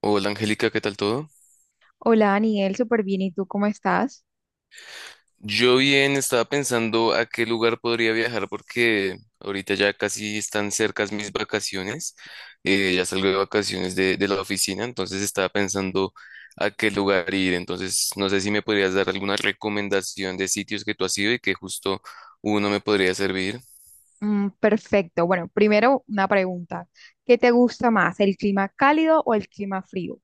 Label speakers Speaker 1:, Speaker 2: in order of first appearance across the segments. Speaker 1: Hola, Angélica, ¿qué tal todo?
Speaker 2: Hola, Daniel, súper bien. ¿Y tú cómo estás?
Speaker 1: Yo bien, estaba pensando a qué lugar podría viajar porque ahorita ya casi están cercas mis vacaciones. Ya salgo de vacaciones de la oficina, entonces estaba pensando a qué lugar ir. Entonces no sé si me podrías dar alguna recomendación de sitios que tú has ido y que justo uno me podría servir.
Speaker 2: Mm, perfecto. Bueno, primero una pregunta. ¿Qué te gusta más, el clima cálido o el clima frío?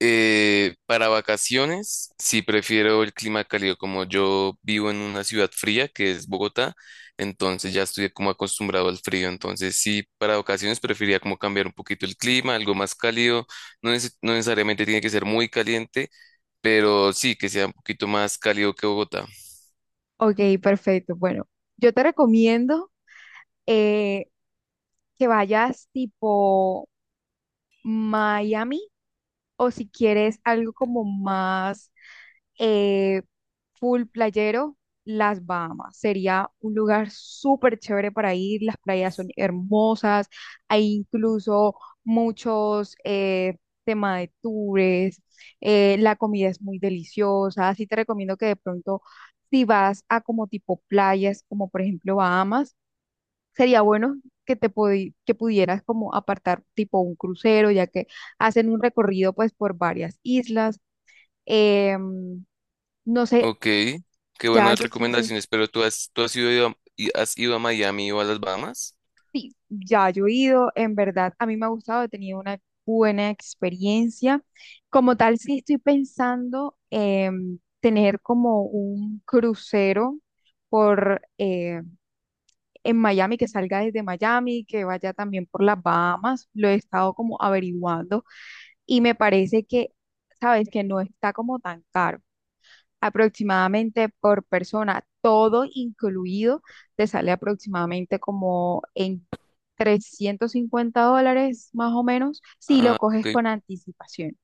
Speaker 1: Para vacaciones, sí prefiero el clima cálido. Como yo vivo en una ciudad fría que es Bogotá, entonces ya estoy como acostumbrado al frío. Entonces sí, para vacaciones preferiría como cambiar un poquito el clima, algo más cálido. No, no necesariamente tiene que ser muy caliente, pero sí que sea un poquito más cálido que Bogotá.
Speaker 2: Ok, perfecto. Bueno, yo te recomiendo eh, que vayas tipo Miami o si quieres algo como más eh, full playero, las Bahamas. Sería un lugar súper chévere para ir, las playas son hermosas, hay incluso muchos temas de tours, la comida es muy deliciosa, así te recomiendo que de pronto si vas a como tipo playas, como por ejemplo Bahamas, sería bueno que que pudieras como apartar tipo un crucero, ya que hacen un recorrido pues por varias islas. Em, no sé,
Speaker 1: Ok, qué
Speaker 2: ya
Speaker 1: buenas
Speaker 2: eso sí,
Speaker 1: recomendaciones, pero tú has ido a, ¿y has ido a Miami o a las Bahamas?
Speaker 2: sí, ya yo he ido, en verdad, a mí me ha gustado, he tenido una buena experiencia. Como tal, sí estoy pensando tener como un crucero por en Miami, que salga desde Miami, que vaya también por las Bahamas, lo he estado como averiguando y me parece que, sabes, que no está como tan caro. Aproximadamente por persona, todo incluido, te sale aproximadamente como en $350 más o menos si lo
Speaker 1: Ah, ok,
Speaker 2: coges con anticipación.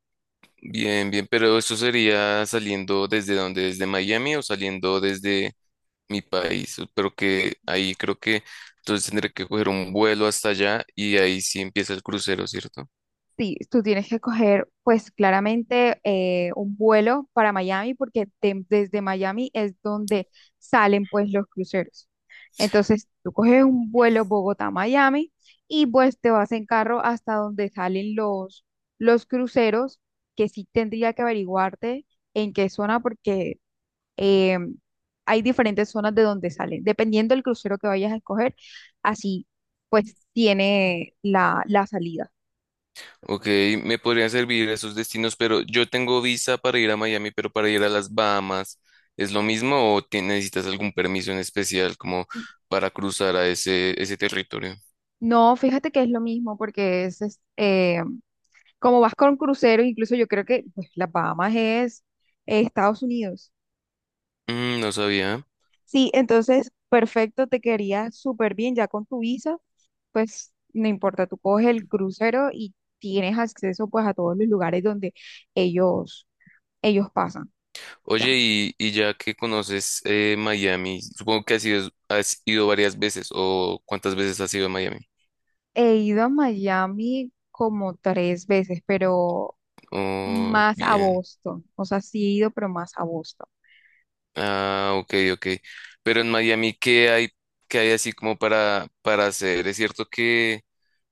Speaker 1: bien, bien, pero eso sería saliendo desde donde, ¿desde Miami o saliendo desde mi país? Pero que ahí creo que entonces tendré que coger un vuelo hasta allá y ahí sí empieza el crucero, ¿cierto?
Speaker 2: Sí, tú tienes que coger, pues claramente, un vuelo para Miami desde Miami es donde salen pues los cruceros. Entonces, tú coges un vuelo Bogotá-Miami y pues te vas en carro hasta donde salen los cruceros, que sí tendría que averiguarte en qué zona porque eh, hay diferentes zonas de donde salen. Dependiendo del crucero que vayas a escoger, así pues tiene la salida.
Speaker 1: Ok, me podrían servir esos destinos, pero yo tengo visa para ir a Miami. Pero para ir a las Bahamas, ¿es lo mismo o necesitas algún permiso en especial como para cruzar a ese territorio?
Speaker 2: No, fíjate que es lo mismo, porque es, como vas con crucero, incluso yo creo que pues, las Bahamas es Estados Unidos.
Speaker 1: Mm, no sabía.
Speaker 2: Sí, entonces, perfecto, te quedaría súper bien ya con tu visa, pues no importa, tú coges el crucero y tienes acceso pues a todos los lugares donde ellos, ellos pasan. Ya.
Speaker 1: Oye, y ya que conoces, Miami, supongo que has ido, ¿has ido varias veces, o cuántas veces has ido a Miami?
Speaker 2: He ido a Miami como tres veces, pero
Speaker 1: Oh,
Speaker 2: más a
Speaker 1: bien.
Speaker 2: Boston, o sea, sí he ido, pero más a Boston.
Speaker 1: Ah, ok, ok. Pero en Miami, qué hay así como para hacer? ¿Es cierto que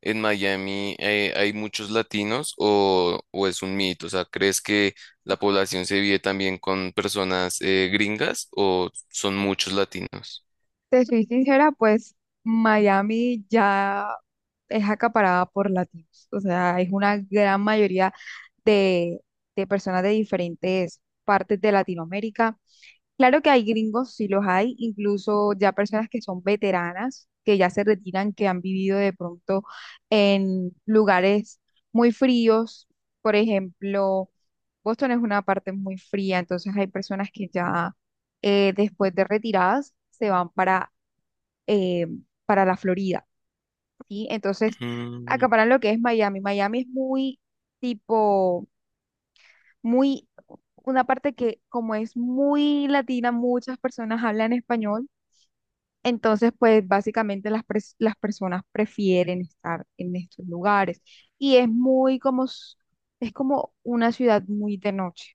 Speaker 1: en Miami, hay muchos latinos o es un mito? O sea, ¿crees que la población se vive también con personas, gringas o son muchos latinos?
Speaker 2: Te soy sincera, pues Miami ya es acaparada por latinos, o sea, es una gran mayoría de, de personas de diferentes partes de Latinoamérica. Claro que hay gringos, sí los hay, incluso ya personas que son veteranas, que ya se retiran, que han vivido de pronto en lugares muy fríos, por ejemplo, Boston es una parte muy fría, entonces hay personas que ya después de retiradas se van eh, para la Florida, ¿sí? Entonces,
Speaker 1: Mm.
Speaker 2: acaparan lo que es Miami. Miami es muy tipo, muy, una parte que como es muy latina, muchas personas hablan español. Entonces, pues básicamente las personas prefieren estar en estos lugares y es muy como, es como una ciudad muy de noche.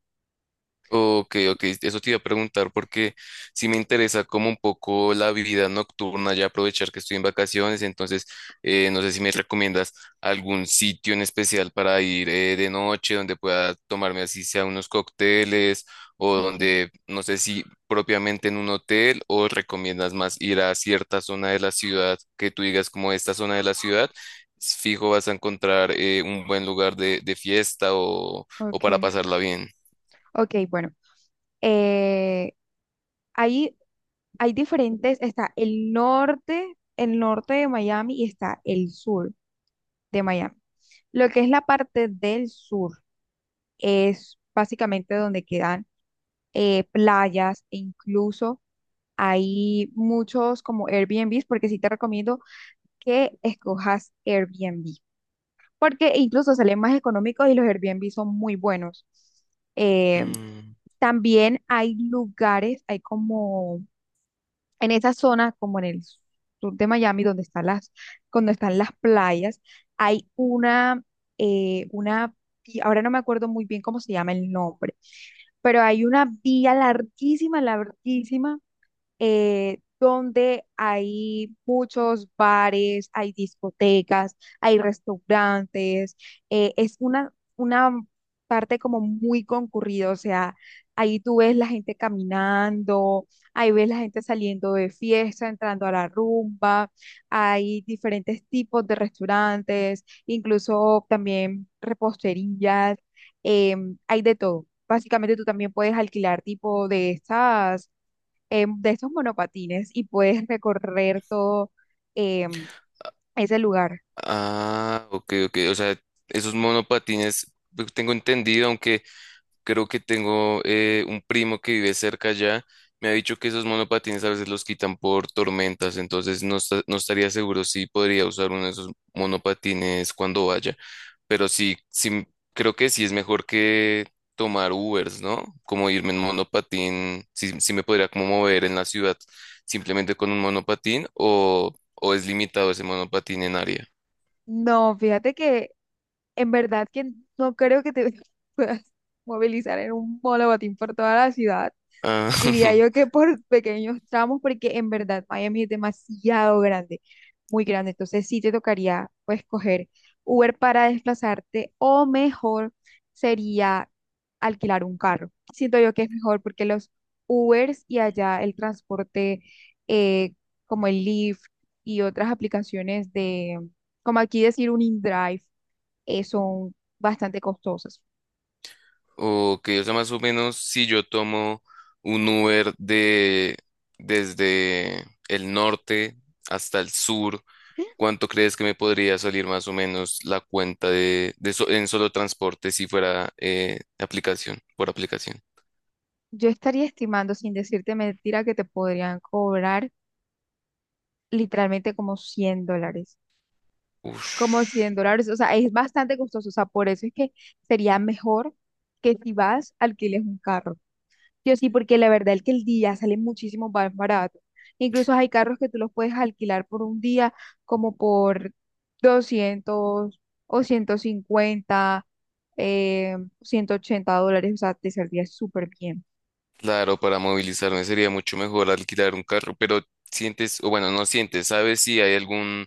Speaker 1: Ok, ok, eso te iba a preguntar porque sí me interesa como un poco la vida nocturna, ya aprovechar que estoy en vacaciones. Entonces, no sé si me recomiendas algún sitio en especial para ir, de noche, donde pueda tomarme así sea unos cócteles, o
Speaker 2: Okay,
Speaker 1: donde, no sé si propiamente en un hotel, o recomiendas más ir a cierta zona de la ciudad que tú digas como esta zona de la ciudad, fijo vas a encontrar, un buen lugar de fiesta o para
Speaker 2: ok.
Speaker 1: pasarla bien.
Speaker 2: Ok, bueno, eh, ahí hay diferentes, está el norte de Miami y está el sur de Miami. Lo que es la parte del sur es básicamente donde quedan playas e incluso hay muchos como Airbnbs, porque sí te recomiendo que escojas Airbnb, porque incluso salen más económicos y los Airbnb son muy buenos. Eh,
Speaker 1: Mm.
Speaker 2: también hay lugares, hay como en esa zona, como en el sur de Miami, donde están las, cuando están las playas, hay eh, una, ahora no me acuerdo muy bien cómo se llama el nombre, pero hay una vía larguísima, larguísima donde hay muchos bares, hay discotecas, hay restaurantes, es una parte como muy concurrida, o sea, ahí tú ves la gente caminando, ahí ves la gente saliendo de fiesta, entrando a la rumba, hay diferentes tipos de restaurantes, incluso también reposterías, hay de todo. Básicamente tú también puedes alquilar tipo de estas de estos monopatines y puedes recorrer todo em, ese lugar.
Speaker 1: Ah, ok, ok. O sea, esos monopatines, pues, tengo entendido, aunque creo que tengo, un primo que vive cerca allá, me ha dicho que esos monopatines a veces los quitan por tormentas. Entonces no, no estaría seguro si podría usar uno de esos monopatines cuando vaya. Pero sí, sí, creo que sí es mejor que tomar Ubers, ¿no? Como irme en monopatín, sí, sí me podría como mover en la ciudad simplemente con un monopatín, o es limitado ese monopatín en área.
Speaker 2: No, fíjate que en verdad que no creo que te puedas movilizar en un monopatín por toda la ciudad.
Speaker 1: Ah,
Speaker 2: Diría yo que por pequeños tramos, porque en verdad Miami es demasiado grande, muy grande. Entonces sí te tocaría pues coger Uber para desplazarte o mejor sería alquilar un carro. Siento yo que es mejor porque los Ubers y allá el transporte eh, como el Lyft y otras aplicaciones de, como aquí decir un InDrive, son bastante costosas.
Speaker 1: ok, o sea, más o menos si yo tomo un Uber de desde el norte hasta el sur, ¿cuánto crees que me podría salir más o menos la cuenta en solo transporte si fuera, aplicación, por aplicación?
Speaker 2: Yo estaría estimando, sin decirte mentira, que te podrían cobrar literalmente como $100, como
Speaker 1: Uf.
Speaker 2: $100, o sea, es bastante costoso, o sea, por eso es que sería mejor que si vas, alquiles un carro. Yo sí, porque la verdad es que el día sale muchísimo más barato. Incluso hay carros que tú los puedes alquilar por un día como por 200 o 150, $180, o sea, te saldría súper bien.
Speaker 1: Claro, para movilizarme sería mucho mejor alquilar un carro, pero sientes, o bueno, no sientes, ¿sabes si hay algún,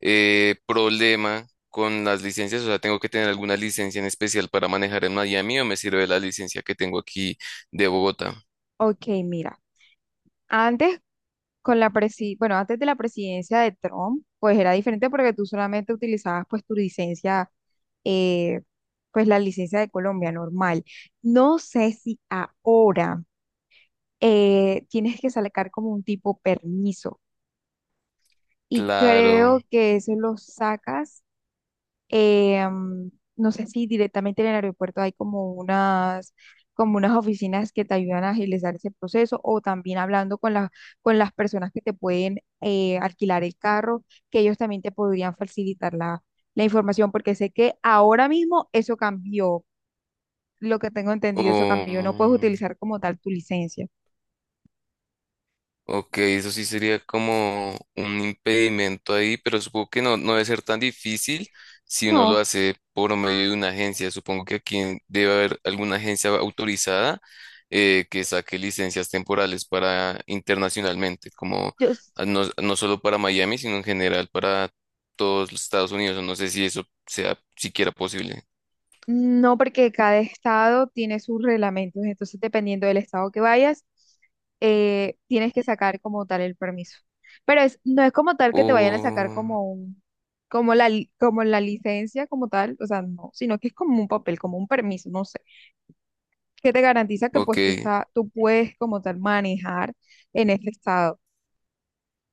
Speaker 1: problema con las licencias? O sea, ¿tengo que tener alguna licencia en especial para manejar en Miami o me sirve la licencia que tengo aquí de Bogotá?
Speaker 2: Ok, mira, antes con la presi, bueno, antes de la presidencia de Trump, pues era diferente porque tú solamente utilizabas pues tu licencia, eh, pues la licencia de Colombia normal. No sé si ahora tienes que sacar como un tipo permiso y
Speaker 1: Claro.
Speaker 2: creo que eso lo sacas eh, mm, no sé si directamente en el aeropuerto hay como unas oficinas que te ayudan a agilizar ese proceso o también hablando con las personas que te pueden alquilar el carro, que ellos también te podrían facilitar la información, porque sé que ahora mismo eso cambió, lo que tengo
Speaker 1: o
Speaker 2: entendido, eso cambió, no puedes utilizar como tal tu licencia.
Speaker 1: Ok, eso sí sería como un impedimento ahí, pero supongo que no, no debe ser tan difícil si uno lo
Speaker 2: No,
Speaker 1: hace por medio de una agencia. Supongo que aquí debe haber alguna agencia autorizada, que saque licencias temporales para internacionalmente, como,
Speaker 2: yo,
Speaker 1: ah, no, no solo para Miami, sino en general para todos los Estados Unidos. No sé si eso sea siquiera posible.
Speaker 2: no, porque cada estado tiene sus reglamentos, entonces dependiendo del estado que vayas, tienes que sacar como tal el permiso. Pero es, no es como tal que te vayan a sacar
Speaker 1: Oh,
Speaker 2: como un, como como la licencia como tal, o sea, no, sino que es como un papel, como un permiso, no sé, que te garantiza que pues tú
Speaker 1: ok.
Speaker 2: está, tú puedes como tal manejar en este estado.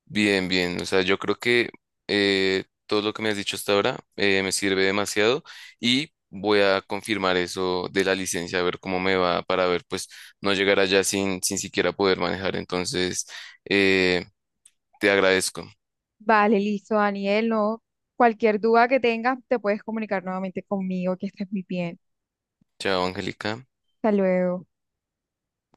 Speaker 1: Bien, bien. O sea, yo creo que, todo lo que me has dicho hasta ahora, me sirve demasiado, y voy a confirmar eso de la licencia, a ver cómo me va, para ver, pues, no llegar allá sin, sin siquiera poder manejar. Entonces, eh, te agradezco.
Speaker 2: Vale, listo, Daniel, no, cualquier duda que tengas, te puedes comunicar nuevamente conmigo, que estés muy bien.
Speaker 1: Chao, Angélica.
Speaker 2: Hasta luego.